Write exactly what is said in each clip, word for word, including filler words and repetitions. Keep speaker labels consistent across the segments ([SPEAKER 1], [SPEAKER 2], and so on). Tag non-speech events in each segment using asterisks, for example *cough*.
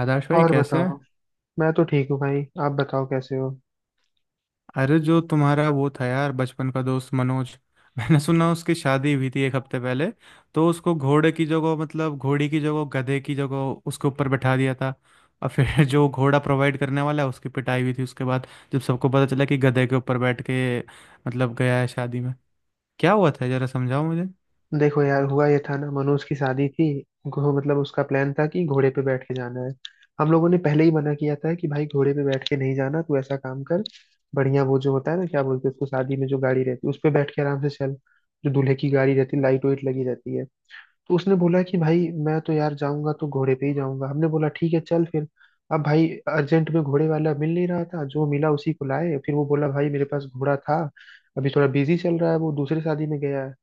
[SPEAKER 1] आदर्श भाई
[SPEAKER 2] और
[SPEAKER 1] कैसे
[SPEAKER 2] बताओ।
[SPEAKER 1] हैं?
[SPEAKER 2] मैं तो ठीक हूँ भाई, आप बताओ कैसे हो।
[SPEAKER 1] अरे, जो तुम्हारा वो था यार बचपन का दोस्त मनोज। *laughs* मैंने सुना उसकी शादी हुई थी एक हफ्ते पहले। तो उसको घोड़े की जगह मतलब घोड़ी की जगह गधे की जगह उसके ऊपर बैठा दिया था। और फिर *laughs* जो घोड़ा प्रोवाइड करने वाला है उसकी पिटाई हुई थी उसके बाद। जब सबको पता चला कि गधे के ऊपर बैठ के मतलब गया है शादी में, क्या हुआ था जरा समझाओ मुझे।
[SPEAKER 2] देखो यार, हुआ ये था ना, मनोज की शादी थी। घो- मतलब उसका प्लान था कि घोड़े पे बैठ के जाना है। हम लोगों ने पहले ही मना किया था कि भाई घोड़े पे बैठ के नहीं जाना, तू ऐसा काम कर, बढ़िया वो जो होता है ना, क्या बोलते हैं उसको, शादी में जो गाड़ी रहती है उस पे बैठ के आराम से चल। जो दूल्हे की गाड़ी रहती है, लाइट वाइट लगी रहती है। तो उसने बोला कि भाई मैं तो यार जाऊंगा तो घोड़े पे ही जाऊंगा। हमने बोला ठीक है चल फिर। अब भाई अर्जेंट में घोड़े वाला मिल नहीं रहा था, जो मिला उसी को लाए। फिर वो बोला भाई मेरे पास घोड़ा था, अभी थोड़ा बिजी चल रहा है, वो दूसरे शादी में गया है।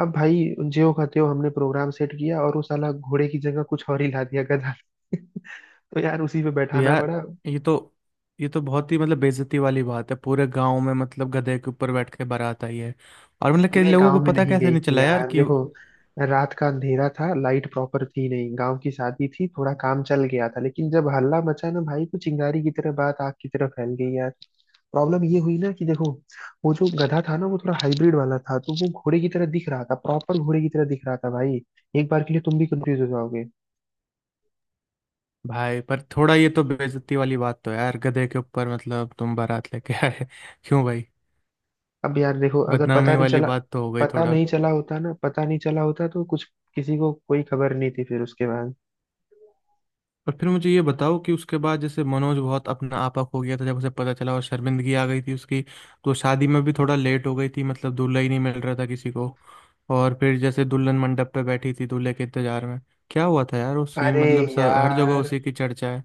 [SPEAKER 2] अब भाई ज्यों का त्यों हमने प्रोग्राम सेट किया, और वो साला घोड़े की जगह कुछ और ही ला दिया, गधा। *laughs* तो यार उसी पे
[SPEAKER 1] तो
[SPEAKER 2] बैठाना
[SPEAKER 1] यार,
[SPEAKER 2] पड़ा।
[SPEAKER 1] ये तो ये तो बहुत ही मतलब बेइज्जती वाली बात है, पूरे गांव में मतलब गधे के ऊपर बैठ के बारात आई है। और मतलब कई
[SPEAKER 2] पूरे
[SPEAKER 1] लोगों
[SPEAKER 2] गांव
[SPEAKER 1] को
[SPEAKER 2] में
[SPEAKER 1] पता
[SPEAKER 2] नहीं
[SPEAKER 1] कैसे
[SPEAKER 2] गई
[SPEAKER 1] नहीं
[SPEAKER 2] थी
[SPEAKER 1] चला यार
[SPEAKER 2] यार,
[SPEAKER 1] कि।
[SPEAKER 2] देखो रात का अंधेरा था, लाइट प्रॉपर थी नहीं, गांव की शादी थी, थोड़ा काम चल गया था। लेकिन जब हल्ला मचा ना भाई, तो चिंगारी की तरह बात आग की तरह फैल गई यार। प्रॉब्लम ये हुई ना कि देखो, वो जो गधा था ना, वो थोड़ा हाइब्रिड वाला था, तो वो घोड़े की तरह दिख रहा था, प्रॉपर घोड़े की तरह दिख रहा था भाई। एक बार के लिए तुम भी कंफ्यूज हो जाओगे।
[SPEAKER 1] भाई, पर थोड़ा ये तो बेइज्जती वाली बात तो है यार, गधे के ऊपर मतलब तुम बारात लेके आए *laughs* क्यों भाई?
[SPEAKER 2] अब यार देखो, अगर पता
[SPEAKER 1] बदनामी
[SPEAKER 2] नहीं
[SPEAKER 1] वाली
[SPEAKER 2] चला,
[SPEAKER 1] बात तो हो गई
[SPEAKER 2] पता
[SPEAKER 1] थोड़ा।
[SPEAKER 2] नहीं चला होता ना, पता नहीं चला होता तो कुछ, किसी को कोई खबर नहीं थी फिर उसके बाद।
[SPEAKER 1] और फिर मुझे ये बताओ कि उसके बाद जैसे मनोज बहुत अपना आपा खो गया था जब उसे पता चला, और शर्मिंदगी आ गई थी उसकी। तो शादी में भी थोड़ा लेट हो गई थी, मतलब दूल्हा ही नहीं मिल रहा था किसी को। और फिर जैसे दुल्हन मंडप पे बैठी थी दूल्हे के इंतजार में, क्या हुआ था यार वो सीन,
[SPEAKER 2] अरे
[SPEAKER 1] मतलब स- हर जगह
[SPEAKER 2] यार,
[SPEAKER 1] उसी की चर्चा है।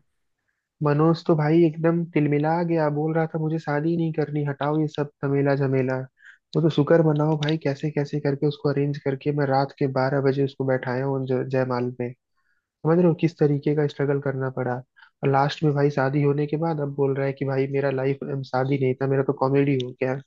[SPEAKER 2] मनोज तो भाई एकदम तिलमिला गया, बोल रहा था मुझे शादी नहीं करनी, हटाओ ये सब झमेला झमेला। वो तो शुक्र मनाओ भाई, कैसे कैसे करके उसको अरेंज करके मैं रात के बारह बजे उसको बैठाया हूँ ज- जयमाल पे। समझ रहे हो किस तरीके का स्ट्रगल करना पड़ा। और लास्ट में भाई शादी होने के बाद अब बोल रहा है कि भाई मेरा लाइफ, शादी नहीं था, मेरा तो कॉमेडी हो गया।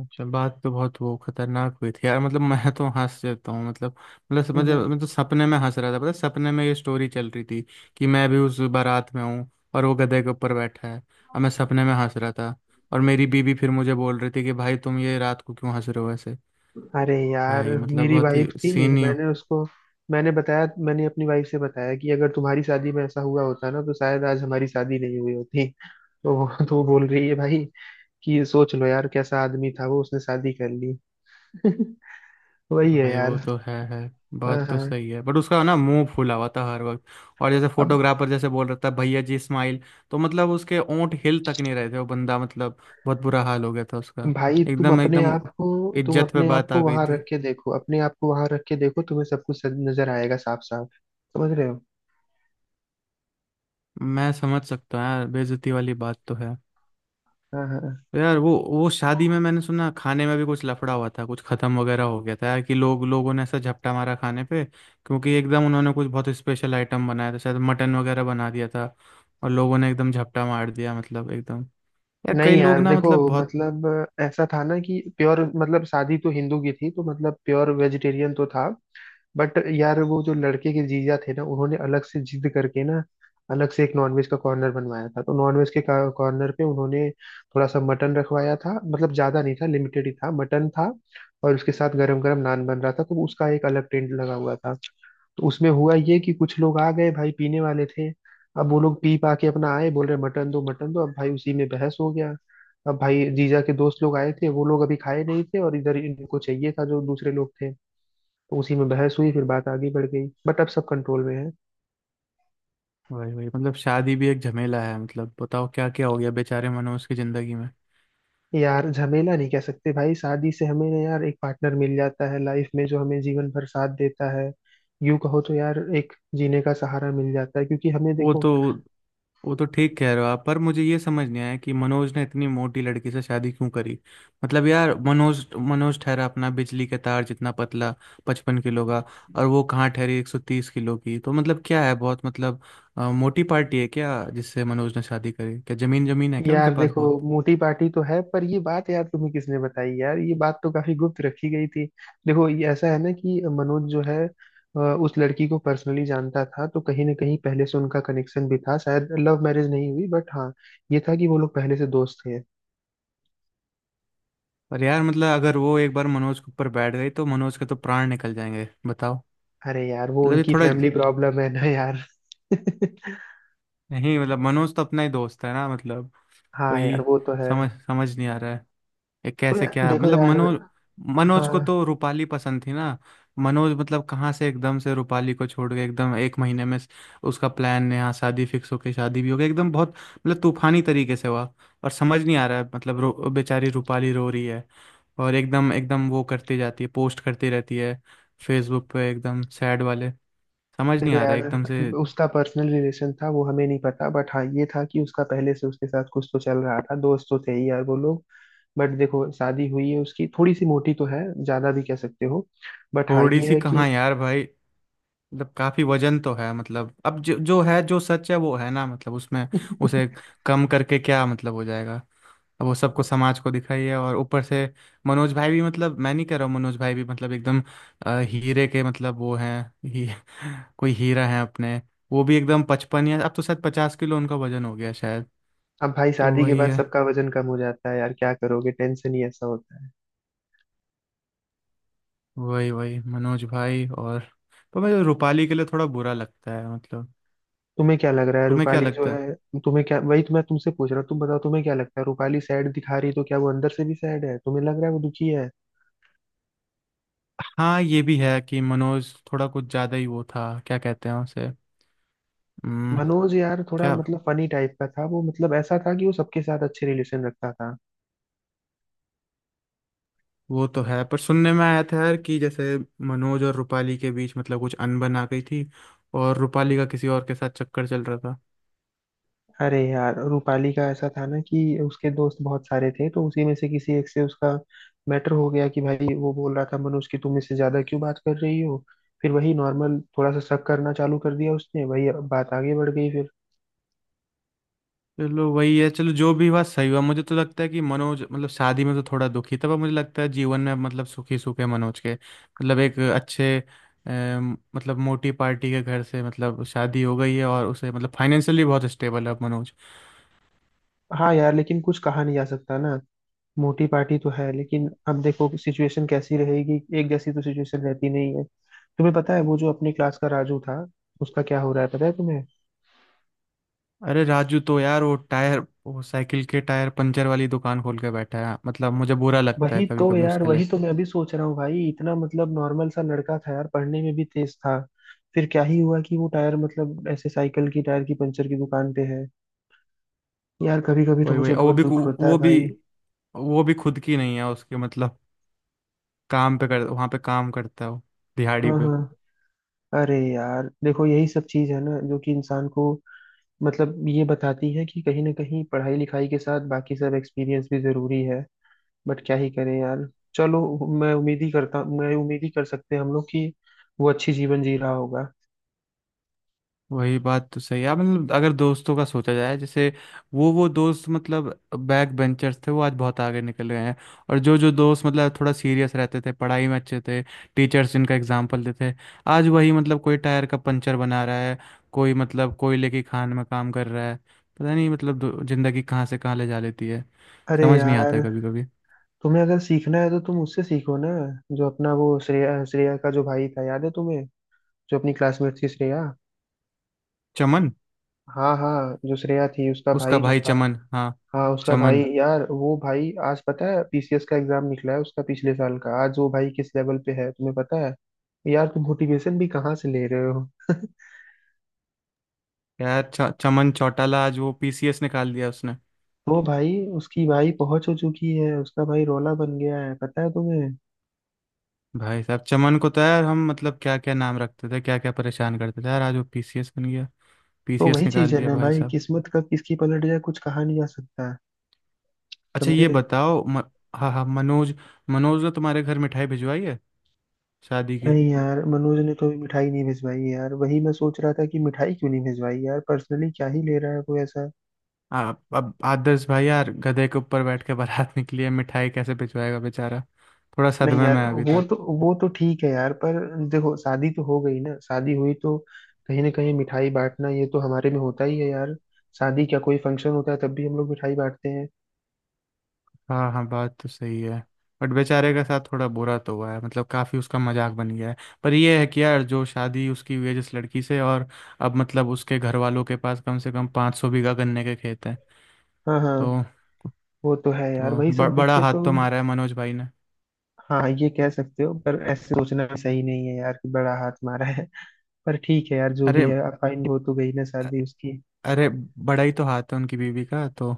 [SPEAKER 1] अच्छा, बात तो बहुत वो खतरनाक हुई थी यार, मतलब मैं तो हंस जाता हूँ मतलब। मतलब समझ,
[SPEAKER 2] हम्म।
[SPEAKER 1] मैं तो सपने में हंस रहा था, पता है, सपने में ये स्टोरी चल रही थी कि मैं भी उस बारात में हूँ, और वो गधे के ऊपर बैठा है, और मैं सपने में हंस रहा था। और मेरी बीबी फिर मुझे बोल रही थी कि भाई तुम ये रात को क्यों हंस रहे हो ऐसे।
[SPEAKER 2] अरे यार,
[SPEAKER 1] भाई मतलब
[SPEAKER 2] मेरी
[SPEAKER 1] बहुत ही
[SPEAKER 2] वाइफ थी,
[SPEAKER 1] सीन ही।
[SPEAKER 2] मैंने उसको मैंने बताया, मैंने अपनी वाइफ से बताया कि अगर तुम्हारी शादी में ऐसा हुआ होता ना तो शायद आज हमारी शादी नहीं हुई होती। तो वो *laughs* तो वो बोल रही है भाई कि ये सोच लो यार कैसा आदमी था वो, उसने शादी कर ली। *laughs* वही है
[SPEAKER 1] भाई
[SPEAKER 2] यार।
[SPEAKER 1] वो तो है है।
[SPEAKER 2] हाँ
[SPEAKER 1] बात तो
[SPEAKER 2] हाँ।
[SPEAKER 1] सही है, बट उसका ना मुंह फूला हुआ था हर वक्त। और जैसे
[SPEAKER 2] अब
[SPEAKER 1] फोटोग्राफर जैसे बोल रहा था, भैया जी स्माइल, तो मतलब उसके ओंठ हिल तक नहीं रहे थे, वो बंदा मतलब बहुत बुरा हाल हो गया था उसका।
[SPEAKER 2] भाई तुम
[SPEAKER 1] एकदम
[SPEAKER 2] अपने
[SPEAKER 1] एकदम
[SPEAKER 2] आप को तुम
[SPEAKER 1] इज्जत पे
[SPEAKER 2] अपने आप
[SPEAKER 1] बात आ
[SPEAKER 2] को
[SPEAKER 1] गई
[SPEAKER 2] वहां
[SPEAKER 1] थी।
[SPEAKER 2] रख के देखो, अपने आप को वहां रख के देखो, तुम्हें सब कुछ सज- नजर आएगा साफ साफ। समझ रहे हो।
[SPEAKER 1] मैं समझ सकता हूँ यार, बेइज्जती वाली बात तो है।
[SPEAKER 2] हाँ हाँ।
[SPEAKER 1] तो यार वो वो शादी में मैंने सुना खाने में भी कुछ लफड़ा हुआ था, कुछ खत्म वगैरह हो गया था यार। कि लोग, लोगों ने ऐसा झपटा मारा खाने पे, क्योंकि एकदम उन्होंने कुछ बहुत स्पेशल आइटम बनाया था, शायद मटन वगैरह बना दिया था। और लोगों ने एकदम झपटा मार दिया मतलब एकदम। यार
[SPEAKER 2] नहीं
[SPEAKER 1] कई लोग
[SPEAKER 2] यार, *laughs*
[SPEAKER 1] ना
[SPEAKER 2] देखो
[SPEAKER 1] मतलब बहुत।
[SPEAKER 2] मतलब ऐसा था ना कि प्योर, मतलब शादी तो हिंदू की थी, तो मतलब प्योर वेजिटेरियन तो था। बट यार वो जो लड़के के जीजा थे ना, उन्होंने अलग से जिद करके ना, अलग से एक नॉनवेज का कॉर्नर बनवाया था। तो नॉनवेज के कॉर्नर पे उन्होंने थोड़ा सा मटन रखवाया था, मतलब ज्यादा नहीं था, लिमिटेड ही था, मटन था। और उसके साथ गरम गरम नान बन रहा था, तो उसका एक अलग टेंट लगा हुआ था। तो उसमें हुआ ये कि कुछ लोग आ गए भाई, पीने वाले थे। अब वो लोग पी पा के अपना आए, बोल रहे मटन दो मटन दो, अब भाई उसी में बहस हो गया। अब भाई जीजा के दोस्त लोग आए थे, वो लोग अभी खाए नहीं थे, और इधर इनको चाहिए था जो दूसरे लोग थे। तो उसी में बहस हुई, फिर बात आगे बढ़ गई, बट अब सब कंट्रोल में है।
[SPEAKER 1] वही वही, मतलब शादी भी एक झमेला है, मतलब बताओ क्या क्या हो गया बेचारे मनोज की जिंदगी में।
[SPEAKER 2] यार झमेला नहीं कह सकते भाई, शादी से हमें ना यार एक पार्टनर मिल जाता है लाइफ में, जो हमें जीवन भर साथ देता है। यूं कहो तो यार एक जीने का सहारा मिल जाता है, क्योंकि हमें
[SPEAKER 1] वो
[SPEAKER 2] देखो,
[SPEAKER 1] तो वो तो ठीक कह रहे हो आप, पर मुझे ये समझ नहीं आया कि मनोज ने इतनी मोटी लड़की से शादी क्यों करी। मतलब यार, मनोज मनोज ठहरा अपना बिजली के तार जितना पतला, पचपन किलो का। और वो कहाँ ठहरी एक सौ तीस किलो की, तो मतलब क्या है बहुत मतलब, अ, मोटी पार्टी है क्या जिससे मनोज ने शादी करी? क्या जमीन जमीन है क्या उनके
[SPEAKER 2] यार
[SPEAKER 1] पास
[SPEAKER 2] देखो,
[SPEAKER 1] बहुत?
[SPEAKER 2] मोटी पार्टी तो है, पर ये बात यार तुम्हें किसने बताई, यार ये बात तो काफी गुप्त रखी गई थी। देखो ये ऐसा है ना कि मनोज जो है, अ, उस लड़की को पर्सनली जानता था, तो कहीं ना कहीं पहले से उनका कनेक्शन भी था, शायद लव मैरिज नहीं हुई, बट हाँ ये था कि वो लोग पहले से दोस्त थे।
[SPEAKER 1] पर यार मतलब, अगर वो एक बार मनोज के ऊपर बैठ गई तो मनोज के तो प्राण निकल जाएंगे, बताओ।
[SPEAKER 2] अरे यार वो
[SPEAKER 1] मतलब ये
[SPEAKER 2] उनकी
[SPEAKER 1] थोड़ा,
[SPEAKER 2] फैमिली प्रॉब्लम है ना यार। *laughs*
[SPEAKER 1] नहीं मतलब, मनोज तो अपना ही दोस्त है ना मतलब।
[SPEAKER 2] हाँ
[SPEAKER 1] वही।
[SPEAKER 2] यार वो तो है।
[SPEAKER 1] समझ समझ नहीं आ रहा है ये
[SPEAKER 2] तो
[SPEAKER 1] कैसे,
[SPEAKER 2] यार,
[SPEAKER 1] क्या
[SPEAKER 2] देखो
[SPEAKER 1] मतलब
[SPEAKER 2] यार
[SPEAKER 1] मनोज, मनोज
[SPEAKER 2] हाँ
[SPEAKER 1] को तो रूपाली पसंद थी ना। मनोज मतलब कहाँ से एकदम से रूपाली को छोड़ के, एकदम एक महीने में उसका प्लान यहाँ शादी फिक्स हो के शादी भी हो गई, एकदम बहुत मतलब तूफानी तरीके से हुआ। और समझ नहीं आ रहा है, मतलब रो, बेचारी रूपाली रो रही है। और एकदम एकदम वो करती जाती है, पोस्ट करती रहती है फेसबुक पे एकदम सैड वाले। समझ नहीं
[SPEAKER 2] देखो
[SPEAKER 1] आ रहा
[SPEAKER 2] यार,
[SPEAKER 1] है एकदम से।
[SPEAKER 2] उसका पर्सनल रिलेशन था वो हमें नहीं पता, बट हाँ ये था कि उसका पहले से उसके साथ कुछ तो चल रहा था, दोस्त तो थे ही यार वो लोग। बट देखो शादी हुई है उसकी, थोड़ी सी मोटी तो है, ज्यादा भी कह सकते हो, बट हाँ
[SPEAKER 1] थोड़ी
[SPEAKER 2] ये
[SPEAKER 1] सी
[SPEAKER 2] है
[SPEAKER 1] कहाँ
[SPEAKER 2] कि।
[SPEAKER 1] यार भाई, मतलब काफी वजन तो है, मतलब अब जो जो है, जो सच है वो है ना मतलब, उसमें उसे
[SPEAKER 2] *laughs*
[SPEAKER 1] कम करके क्या मतलब हो जाएगा? अब वो सबको, समाज को दिखाई है, और ऊपर से मनोज भाई भी, मतलब मैं नहीं कह रहा हूँ, मनोज भाई भी मतलब एकदम, अ, हीरे के मतलब वो हैं ही, *laughs* कोई हीरा है अपने? वो भी एकदम पचपन, या अब तो शायद पचास किलो उनका वजन हो गया शायद।
[SPEAKER 2] अब भाई
[SPEAKER 1] तो
[SPEAKER 2] शादी के
[SPEAKER 1] वही
[SPEAKER 2] बाद
[SPEAKER 1] है।
[SPEAKER 2] सबका वजन कम हो जाता है यार, क्या करोगे, टेंशन ही ऐसा होता है।
[SPEAKER 1] वही वही, मनोज भाई। और तो मुझे रूपाली के लिए थोड़ा बुरा लगता है मतलब।
[SPEAKER 2] तुम्हें क्या लग रहा है
[SPEAKER 1] तुम्हें क्या
[SPEAKER 2] रूपाली जो
[SPEAKER 1] लगता है?
[SPEAKER 2] है, तुम्हें क्या, वही तो मैं तुमसे पूछ रहा हूँ, तुम बताओ, तुम्हें क्या लगता है, रूपाली सैड दिखा रही है, तो क्या वो अंदर से भी सैड है, तुम्हें लग रहा है वो दुखी है।
[SPEAKER 1] हाँ, ये भी है कि मनोज थोड़ा कुछ ज्यादा ही वो था, क्या कहते हैं उसे। हम्म,
[SPEAKER 2] मनोज यार थोड़ा
[SPEAKER 1] क्या
[SPEAKER 2] मतलब फनी टाइप का था वो, मतलब ऐसा था कि वो सबके साथ अच्छे रिलेशन रखता था।
[SPEAKER 1] वो तो है, पर सुनने में आया था यार कि जैसे मनोज और रूपाली के बीच मतलब कुछ अनबन आ गई थी, और रूपाली का किसी और के साथ चक्कर चल रहा था।
[SPEAKER 2] अरे यार रूपाली का ऐसा था ना कि उसके दोस्त बहुत सारे थे, तो उसी में से किसी एक से उसका मैटर हो गया कि भाई वो बोल रहा था मनोज कि तुम इससे ज्यादा क्यों बात कर रही हो। फिर वही नॉर्मल थोड़ा सा शक करना चालू कर दिया उसने, वही बात आगे बढ़ गई फिर।
[SPEAKER 1] चलो वही है, चलो जो भी हुआ सही हुआ। मुझे तो लगता है कि मनोज मतलब शादी में तो थोड़ा दुखी था, पर मुझे लगता है जीवन में मतलब सुखी, सुख है मनोज के मतलब। एक अच्छे अम, मतलब मोटी पार्टी के घर से मतलब शादी हो गई है, और उसे मतलब फाइनेंशियली बहुत स्टेबल है अब मनोज।
[SPEAKER 2] हाँ यार, लेकिन कुछ कहा नहीं जा सकता ना। मोटी पार्टी तो है लेकिन अब देखो सिचुएशन कैसी रहेगी, एक जैसी तो सिचुएशन रहती नहीं है। तुम्हें पता है वो जो अपने क्लास का राजू था, उसका क्या हो रहा है पता है तुम्हें।
[SPEAKER 1] अरे राजू तो यार वो टायर, वो साइकिल के टायर पंचर वाली दुकान खोल के बैठा है, मतलब मुझे बुरा लगता है
[SPEAKER 2] वही
[SPEAKER 1] कभी
[SPEAKER 2] तो
[SPEAKER 1] कभी
[SPEAKER 2] यार,
[SPEAKER 1] उसके
[SPEAKER 2] वही
[SPEAKER 1] लिए।
[SPEAKER 2] तो मैं अभी सोच रहा हूँ भाई, इतना मतलब नॉर्मल सा लड़का था यार, पढ़ने में भी तेज था। फिर क्या ही हुआ कि वो टायर, मतलब ऐसे साइकिल की टायर की पंचर की दुकान पे है। यार कभी कभी तो
[SPEAKER 1] वही वही।
[SPEAKER 2] मुझे
[SPEAKER 1] और वो
[SPEAKER 2] बहुत
[SPEAKER 1] भी
[SPEAKER 2] दुख
[SPEAKER 1] कु-
[SPEAKER 2] होता
[SPEAKER 1] वो
[SPEAKER 2] है
[SPEAKER 1] भी,
[SPEAKER 2] भाई।
[SPEAKER 1] वो भी खुद की नहीं है उसके मतलब, काम पे कर, वहाँ पे काम करता है वो, दिहाड़ी
[SPEAKER 2] हाँ
[SPEAKER 1] पे।
[SPEAKER 2] हाँ। अरे यार देखो यही सब चीज है ना जो कि इंसान को, मतलब ये बताती है कि कहीं ना कहीं पढ़ाई लिखाई के साथ बाकी सब एक्सपीरियंस भी जरूरी है। बट क्या ही करें यार। चलो, मैं उम्मीद ही करता मैं उम्मीद ही कर सकते हैं हम लोग कि वो अच्छी जीवन जी रहा होगा।
[SPEAKER 1] वही बात तो सही है, मतलब अगर दोस्तों का सोचा जाए जैसे, वो वो दोस्त मतलब बैक बेंचर्स थे वो आज बहुत आगे निकल गए हैं। और जो जो दोस्त मतलब थोड़ा सीरियस रहते थे, पढ़ाई में अच्छे थे, टीचर्स जिनका एग्जाम्पल देते थे, आज वही मतलब कोई टायर का पंचर बना रहा है, कोई मतलब कोयले की खान में काम कर रहा है। पता नहीं मतलब दो- जिंदगी कहाँ से कहाँ ले जा लेती है,
[SPEAKER 2] अरे
[SPEAKER 1] समझ नहीं आता
[SPEAKER 2] यार,
[SPEAKER 1] है कभी कभी।
[SPEAKER 2] तुम्हें अगर सीखना है तो तुम उससे सीखो ना, जो अपना वो श्रेया श्रेया का जो भाई था याद है तुम्हें, जो अपनी क्लासमेट थी श्रेया।
[SPEAKER 1] चमन।
[SPEAKER 2] हाँ हाँ, जो श्रेया थी उसका
[SPEAKER 1] उसका
[SPEAKER 2] भाई जो
[SPEAKER 1] भाई
[SPEAKER 2] था,
[SPEAKER 1] चमन, हाँ।
[SPEAKER 2] हाँ उसका भाई
[SPEAKER 1] चमन।
[SPEAKER 2] यार, वो भाई आज पता है पी सी एस का एग्जाम निकला है उसका, पिछले साल का, आज वो भाई किस लेवल पे है तुम्हें पता है। यार तुम मोटिवेशन भी कहाँ से ले रहे हो।
[SPEAKER 1] यार च, चमन चौटाला, आज वो पी सी एस निकाल दिया उसने।
[SPEAKER 2] वो भाई, उसकी भाई पहुंच हो चुकी है, उसका भाई रोला बन गया है पता है तुम्हें।
[SPEAKER 1] भाई साहब चमन को तो यार, हम मतलब क्या क्या नाम रखते थे, क्या क्या परेशान करते थे यार, आज वो पीसीएस बन गया,
[SPEAKER 2] तो
[SPEAKER 1] पीसीएस
[SPEAKER 2] वही चीज
[SPEAKER 1] निकाल
[SPEAKER 2] है
[SPEAKER 1] दिया
[SPEAKER 2] ना
[SPEAKER 1] भाई
[SPEAKER 2] भाई,
[SPEAKER 1] साहब।
[SPEAKER 2] किस्मत कब किसकी पलट जाए कुछ कहा नहीं जा सकता।
[SPEAKER 1] अच्छा ये
[SPEAKER 2] समझे।
[SPEAKER 1] बताओ म, हाँ हाँ, मनोज, मनोज ने तुम्हारे घर मिठाई भिजवाई है शादी की?
[SPEAKER 2] नहीं यार मनोज ने तो अभी मिठाई नहीं भिजवाई यार, वही मैं सोच रहा था कि मिठाई क्यों नहीं भिजवाई, यार पर्सनली क्या ही ले रहा है वो ऐसा।
[SPEAKER 1] आ, अब आदर्श भाई यार, गधे के ऊपर बैठ के बारात निकली है, मिठाई कैसे भिजवाएगा बेचारा, थोड़ा
[SPEAKER 2] नहीं
[SPEAKER 1] सदमे में
[SPEAKER 2] यार
[SPEAKER 1] है अभी
[SPEAKER 2] वो
[SPEAKER 1] तक।
[SPEAKER 2] तो वो तो ठीक है यार पर देखो शादी तो हो गई ना, शादी हुई तो कहीं ना कहीं मिठाई बांटना ये तो हमारे में होता ही है यार। शादी क्या कोई फंक्शन होता है तब भी हम लोग मिठाई बांटते हैं।
[SPEAKER 1] हाँ हाँ, बात तो सही है। बट बेचारे के साथ थोड़ा बुरा तो हुआ है, मतलब काफ़ी उसका मजाक बन गया है। पर ये है कि यार, जो शादी उसकी हुई है जिस लड़की से, और अब मतलब उसके घर वालों के पास कम से कम पाँच सौ बीघा गन्ने के खेत हैं,
[SPEAKER 2] हाँ हाँ।
[SPEAKER 1] तो
[SPEAKER 2] वो तो है यार,
[SPEAKER 1] तो
[SPEAKER 2] वही
[SPEAKER 1] ब,
[SPEAKER 2] सब देख
[SPEAKER 1] बड़ा
[SPEAKER 2] के तो।
[SPEAKER 1] हाथ तो मारा है मनोज भाई ने।
[SPEAKER 2] हाँ ये कह सकते हो, पर ऐसे सोचना भी सही नहीं है यार कि बड़ा हाथ मारा है, पर ठीक है यार जो भी
[SPEAKER 1] अरे,
[SPEAKER 2] है, अब फाइनल हो तो गई ना शादी उसकी।
[SPEAKER 1] अरे बड़ा ही तो हाथ है उनकी बीवी का तो,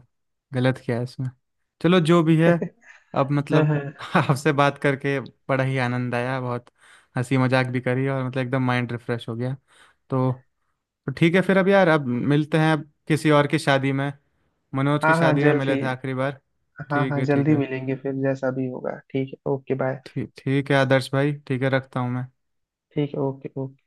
[SPEAKER 1] गलत क्या है इसमें? चलो जो भी है,
[SPEAKER 2] *laughs*
[SPEAKER 1] अब
[SPEAKER 2] हाँ
[SPEAKER 1] मतलब
[SPEAKER 2] हाँ।
[SPEAKER 1] *laughs* आपसे बात करके बड़ा ही आनंद आया बहुत, हंसी मजाक भी करी, और मतलब एकदम माइंड रिफ्रेश हो गया। तो तो ठीक है फिर, अब यार अब मिलते हैं, अब किसी और की शादी में। मनोज की
[SPEAKER 2] हाँ हाँ
[SPEAKER 1] शादी में मिले
[SPEAKER 2] जल्दी।
[SPEAKER 1] थे आखिरी बार।
[SPEAKER 2] हाँ
[SPEAKER 1] ठीक
[SPEAKER 2] हाँ
[SPEAKER 1] है, ठीक
[SPEAKER 2] जल्दी
[SPEAKER 1] है।
[SPEAKER 2] मिलेंगे फिर, जैसा भी होगा ठीक है, ओके बाय।
[SPEAKER 1] ठीक, ठीक है आदर्श भाई, ठीक है, रखता हूँ मैं।
[SPEAKER 2] ठीक है, ओके ओके।